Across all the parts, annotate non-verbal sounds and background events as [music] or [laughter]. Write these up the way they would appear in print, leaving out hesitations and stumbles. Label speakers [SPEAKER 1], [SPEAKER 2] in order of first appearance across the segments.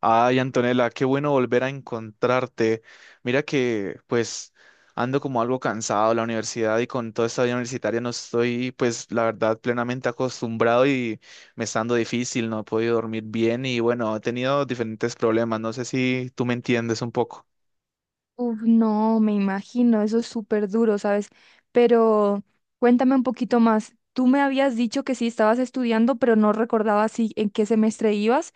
[SPEAKER 1] Ay, Antonella, qué bueno volver a encontrarte. Mira que pues ando como algo cansado de la universidad y con toda esta vida universitaria no estoy, pues la verdad, plenamente acostumbrado y me está dando difícil. No he podido dormir bien y, bueno, he tenido diferentes problemas. No sé si tú me entiendes un poco.
[SPEAKER 2] Uf, no, me imagino, eso es súper duro, ¿sabes? Pero cuéntame un poquito más. Tú me habías dicho que sí estabas estudiando, pero no recordaba si en qué semestre ibas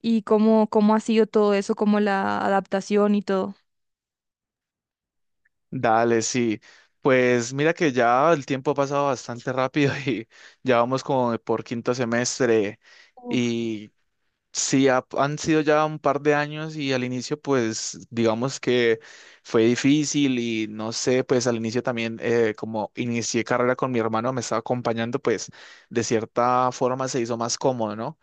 [SPEAKER 2] y cómo ha sido todo eso, como la adaptación y todo.
[SPEAKER 1] Dale, sí. Pues mira que ya el tiempo ha pasado bastante rápido y [laughs] ya vamos como por quinto semestre.
[SPEAKER 2] Uf,
[SPEAKER 1] Y sí, han sido ya un par de años y al inicio, pues, digamos que fue difícil y no sé. Pues al inicio también, como inicié carrera con mi hermano, me estaba acompañando, pues, de cierta forma se hizo más cómodo, ¿no?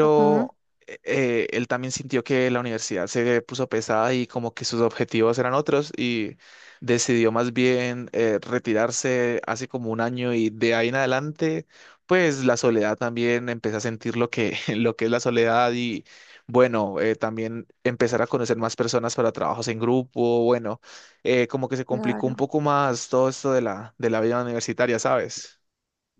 [SPEAKER 2] ajá,
[SPEAKER 1] él también sintió que la universidad se puso pesada y como que sus objetivos eran otros y decidió más bien retirarse hace como un año, y de ahí en adelante, pues la soledad también empecé a sentir lo que, [laughs] lo que es la soledad. Y bueno, también empezar a conocer más personas para trabajos en grupo. Bueno, como que se complicó un
[SPEAKER 2] claro.
[SPEAKER 1] poco más todo esto de la, vida universitaria, ¿sabes?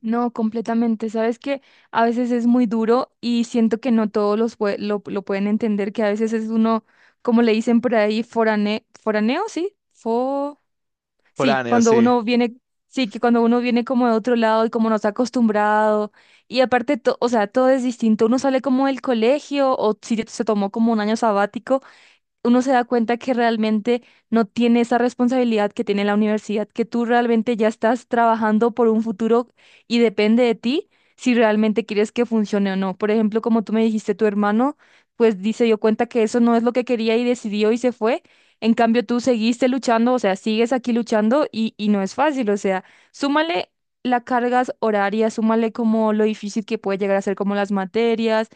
[SPEAKER 2] No, completamente. Sabes que a veces es muy duro y siento que no todos los lo pueden entender, que a veces es uno, como le dicen por ahí, foraneo, ¿sí? Sí,
[SPEAKER 1] Foráneo,
[SPEAKER 2] cuando
[SPEAKER 1] sí.
[SPEAKER 2] uno viene, sí, que cuando uno viene como de otro lado y como no está acostumbrado, y aparte, o sea, todo es distinto. Uno sale como del colegio o si se tomó como un año sabático, uno se da cuenta que realmente no tiene esa responsabilidad que tiene la universidad, que tú realmente ya estás trabajando por un futuro y depende de ti si realmente quieres que funcione o no. Por ejemplo, como tú me dijiste, tu hermano, pues se dio cuenta que eso no es lo que quería y decidió y se fue. En cambio, tú seguiste luchando, o sea, sigues aquí luchando y no es fácil, o sea, súmale las cargas horarias, súmale como lo difícil que puede llegar a ser como las materias.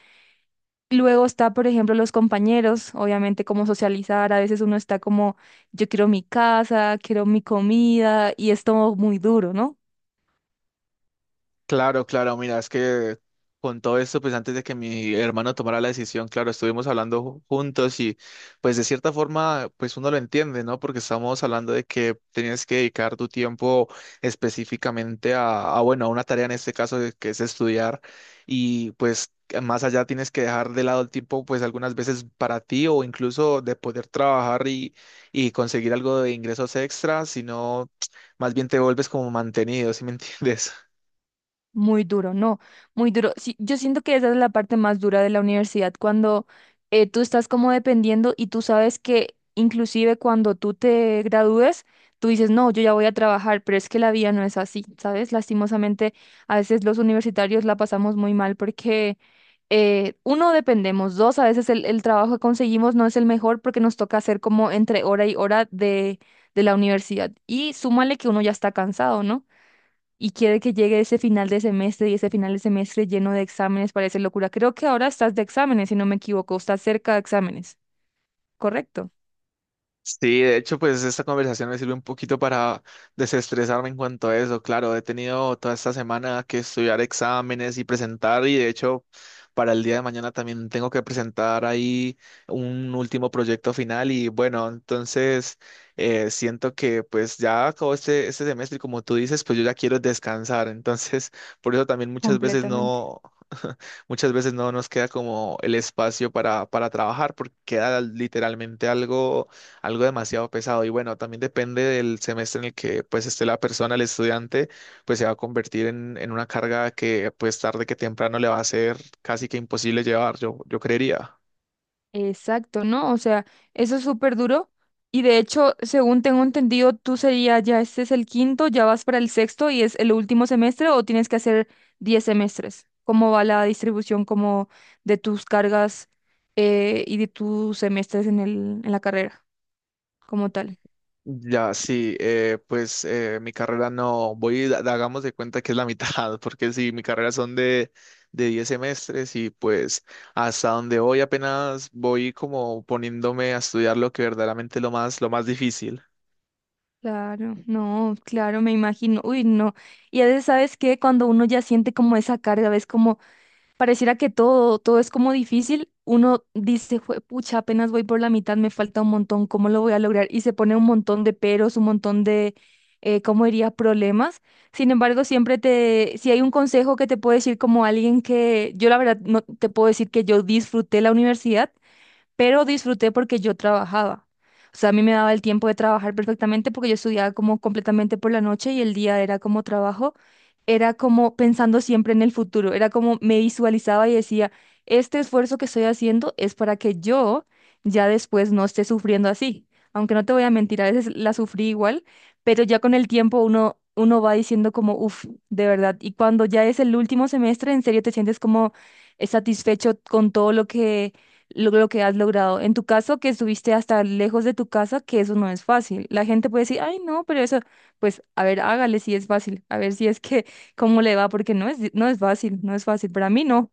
[SPEAKER 2] Luego está, por ejemplo, los compañeros, obviamente como socializar. A veces uno está como, yo quiero mi casa, quiero mi comida, y es todo muy duro, ¿no?
[SPEAKER 1] Claro, claro, mira, es que con todo esto, pues antes de que mi hermano tomara la decisión, claro, estuvimos hablando juntos y pues de cierta forma, pues uno lo entiende, ¿no? Porque estamos hablando de que tenías que dedicar tu tiempo específicamente bueno, a una tarea, en este caso que es estudiar. Y pues que más allá tienes que dejar de lado el tiempo, pues algunas veces para ti o incluso de poder trabajar y conseguir algo de ingresos extra, sino más bien te vuelves como mantenido, ¿sí me [laughs] entiendes?
[SPEAKER 2] Muy duro, no, muy duro. Sí, yo siento que esa es la parte más dura de la universidad, cuando tú estás como dependiendo y tú sabes que inclusive cuando tú te gradúes, tú dices, no, yo ya voy a trabajar, pero es que la vida no es así, ¿sabes? Lastimosamente, a veces los universitarios la pasamos muy mal porque uno, dependemos; dos, a veces el trabajo que conseguimos no es el mejor porque nos toca hacer como entre hora y hora de la universidad. Y súmale que uno ya está cansado, ¿no? Y quiere que llegue ese final de semestre, y ese final de semestre lleno de exámenes parece locura. Creo que ahora estás de exámenes, si no me equivoco, estás cerca de exámenes, ¿correcto?
[SPEAKER 1] Sí, de hecho, pues esta conversación me sirve un poquito para desestresarme en cuanto a eso. Claro, he tenido toda esta semana que estudiar exámenes y presentar, y de hecho para el día de mañana también tengo que presentar ahí un último proyecto final. Y bueno, entonces siento que pues ya acabó este semestre y, como tú dices, pues yo ya quiero descansar. Entonces, por eso también muchas veces
[SPEAKER 2] Completamente.
[SPEAKER 1] no. [laughs] Muchas veces no nos queda como el espacio para, trabajar, porque queda literalmente algo demasiado pesado. Y bueno, también depende del semestre en el que pues esté la persona, el estudiante, pues se va a convertir en, una carga que pues tarde que temprano le va a ser casi que imposible llevar, yo creería.
[SPEAKER 2] Exacto, ¿no? O sea, eso es súper duro. Y de hecho, según tengo entendido, tú sería ya este es el quinto, ya vas para el sexto y es el último semestre o tienes que hacer 10 semestres. ¿Cómo va la distribución como de tus cargas y de tus semestres en en la carrera como tal?
[SPEAKER 1] Ya, sí, pues mi carrera, no, voy, hagamos de cuenta que es la mitad, [laughs] porque si mi carrera son de 10 semestres, y pues hasta donde voy apenas voy como poniéndome a estudiar lo que verdaderamente es lo más difícil.
[SPEAKER 2] Claro, no, claro, me imagino. Uy, no. Y a veces, ¿sabes qué? Cuando uno ya siente como esa carga, ves como pareciera que todo, todo es como difícil, uno dice, "Jue- pucha, apenas voy por la mitad, me falta un montón, ¿cómo lo voy a lograr?". Y se pone un montón de peros, un montón de, ¿cómo diría? Problemas. Sin embargo, siempre te, si hay un consejo que te puedo decir como alguien que, yo la verdad no te puedo decir que yo disfruté la universidad, pero disfruté porque yo trabajaba. O sea, a mí me daba el tiempo de trabajar perfectamente porque yo estudiaba como completamente por la noche y el día era como trabajo, era como pensando siempre en el futuro, era como me visualizaba y decía, este esfuerzo que estoy haciendo es para que yo ya después no esté sufriendo así. Aunque no te voy a mentir, a veces la sufrí igual, pero ya con el tiempo uno va diciendo como, uff, de verdad. Y cuando ya es el último semestre, en serio te sientes como satisfecho con todo lo que lo que has logrado. En tu caso, que estuviste hasta lejos de tu casa, que eso no es fácil. La gente puede decir, ay, no, pero eso, pues, a ver, hágale si es fácil, a ver si es que, [laughs] cómo le va, porque no es, no es fácil, no es fácil. Para mí no.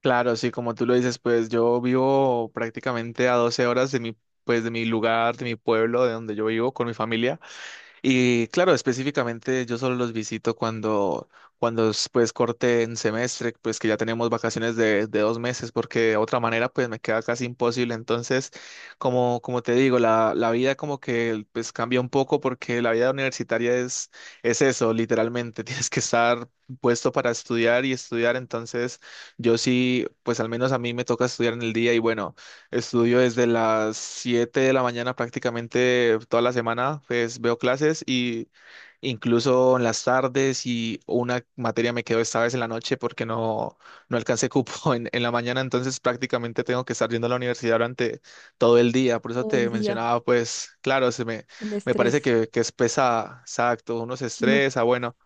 [SPEAKER 1] Claro, sí, como tú lo dices, pues yo vivo prácticamente a 12 horas de mi, pues de mi lugar, de mi pueblo, de donde yo vivo con mi familia. Y claro, específicamente yo solo los visito cuando, es, pues, corte en semestre, pues que ya tenemos vacaciones de 2 meses, porque de otra manera pues me queda casi imposible. Entonces, como, te digo, la vida como que pues cambia un poco, porque la vida universitaria es eso, literalmente. [laughs] Tienes que estar puesto para estudiar y estudiar. Entonces, yo sí, pues al menos a mí me toca estudiar en el día, y bueno. Estudio desde las 7 de la mañana prácticamente toda la semana, pues veo clases, y incluso en las tardes. Y una materia me quedó esta vez en la noche porque no, alcancé cupo [laughs] en la mañana, entonces prácticamente tengo que estar yendo a la universidad durante todo el día. Por eso
[SPEAKER 2] Todo el
[SPEAKER 1] te
[SPEAKER 2] día,
[SPEAKER 1] mencionaba, pues claro, se me,
[SPEAKER 2] el
[SPEAKER 1] me parece
[SPEAKER 2] estrés.
[SPEAKER 1] que es pesa, exacto, uno se
[SPEAKER 2] No,
[SPEAKER 1] estresa, bueno.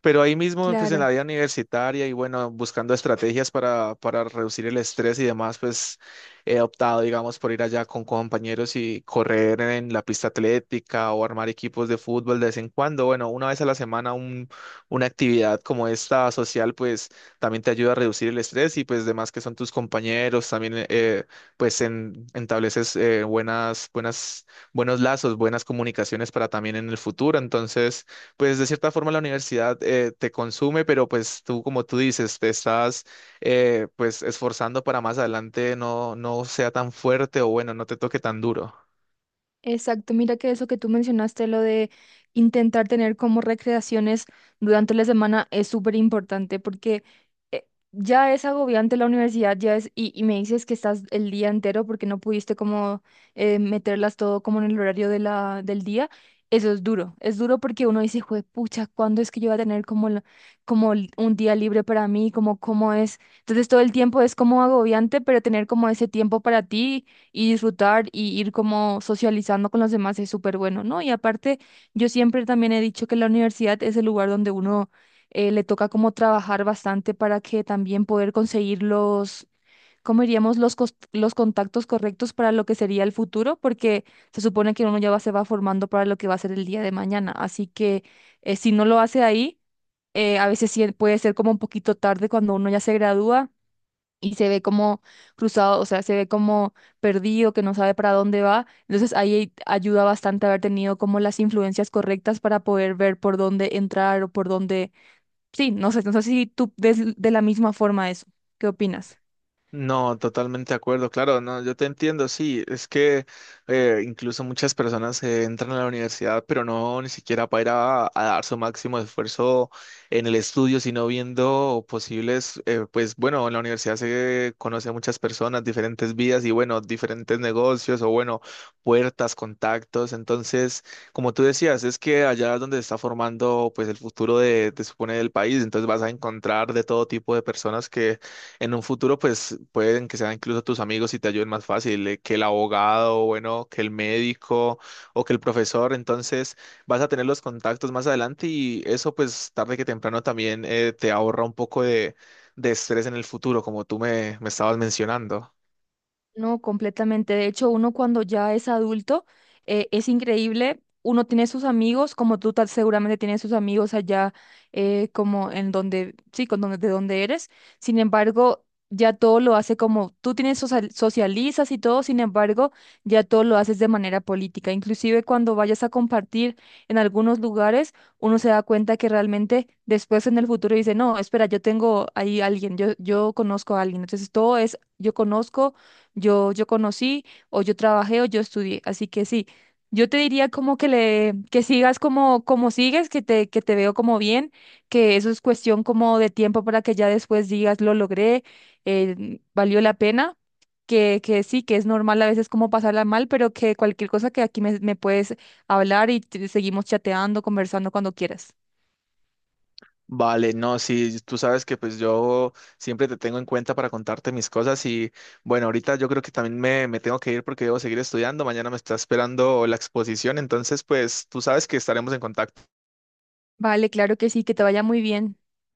[SPEAKER 1] Pero ahí mismo, pues en la
[SPEAKER 2] claro.
[SPEAKER 1] vida universitaria, y bueno, buscando estrategias para reducir el estrés y demás, pues he optado, digamos, por ir allá con compañeros y correr en la pista atlética o armar equipos de fútbol de vez en cuando. Bueno, una vez a la semana una actividad como esta, social, pues también te ayuda a reducir el estrés. Y pues demás que son tus compañeros, también pues en, estableces buenos lazos, buenas comunicaciones para también en el futuro. Entonces pues de cierta forma la universidad te consume, pero pues tú, como tú dices, te estás pues esforzando para más adelante no, no sea tan fuerte o, bueno, no te toque tan duro.
[SPEAKER 2] Exacto, mira que eso que tú mencionaste, lo de intentar tener como recreaciones durante la semana es súper importante porque ya es agobiante la universidad, ya es, y me dices que estás el día entero porque no pudiste como meterlas todo como en el horario de la, del día. Eso es duro porque uno dice, jue pucha, ¿cuándo es que yo voy a tener como, como un día libre para mí? Como, ¿cómo es? Entonces todo el tiempo es como agobiante, pero tener como ese tiempo para ti y disfrutar y ir como socializando con los demás es súper bueno, ¿no? Y aparte, yo siempre también he dicho que la universidad es el lugar donde uno le toca como trabajar bastante para que también poder conseguir los, ¿cómo diríamos? Los, los contactos correctos para lo que sería el futuro, porque se supone que uno ya va, se va formando para lo que va a ser el día de mañana. Así que si no lo hace ahí, a veces sí puede ser como un poquito tarde cuando uno ya se gradúa y se ve como cruzado, o sea, se ve como perdido, que no sabe para dónde va. Entonces ahí ayuda bastante haber tenido como las influencias correctas para poder ver por dónde entrar o por dónde... Sí, no sé, no sé si tú ves de la misma forma eso. ¿Qué opinas?
[SPEAKER 1] No, totalmente de acuerdo, claro, no, yo te entiendo, sí. Es que incluso muchas personas entran a la universidad, pero no, ni siquiera para ir a dar su máximo esfuerzo en el estudio, sino viendo posibles, pues, bueno, en la universidad se conoce a muchas personas, diferentes vidas y, bueno, diferentes negocios o, bueno, puertas, contactos. Entonces, como tú decías, es que allá es donde se está formando pues el futuro de, te supone, del país. Entonces vas a encontrar de todo tipo de personas que en un futuro, pues, pueden que sean incluso tus amigos y te ayuden más fácil, que el abogado, bueno, que el médico o que el profesor. Entonces vas a tener los contactos más adelante y eso, pues tarde que temprano también te ahorra un poco de, estrés en el futuro, como tú me estabas mencionando.
[SPEAKER 2] No, completamente. De hecho, uno cuando ya es adulto, es increíble. Uno tiene sus amigos, como tú seguramente tienes sus amigos allá, como en donde, sí, con donde, de donde eres. Sin embargo, ya todo lo hace como, tú tienes socializas y todo. Sin embargo, ya todo lo haces de manera política. Inclusive cuando vayas a compartir en algunos lugares, uno se da cuenta que realmente después en el futuro dice, no, espera, yo tengo ahí alguien, yo conozco a alguien. Entonces todo es, yo conozco, yo conocí o yo trabajé o yo estudié. Así que sí, yo te diría como que le, que sigas como, como sigues, que te veo como bien, que eso es cuestión como de tiempo para que ya después digas lo logré, valió la pena. Que sí, que es normal a veces como pasarla mal, pero que cualquier cosa que aquí me puedes hablar y seguimos chateando, conversando cuando quieras.
[SPEAKER 1] Vale, no, sí, tú sabes que pues yo siempre te tengo en cuenta para contarte mis cosas. Y bueno, ahorita yo creo que también me, tengo que ir porque debo seguir estudiando. Mañana me está esperando la exposición, entonces pues tú sabes que estaremos en contacto.
[SPEAKER 2] Vale, claro que sí, que te vaya muy bien.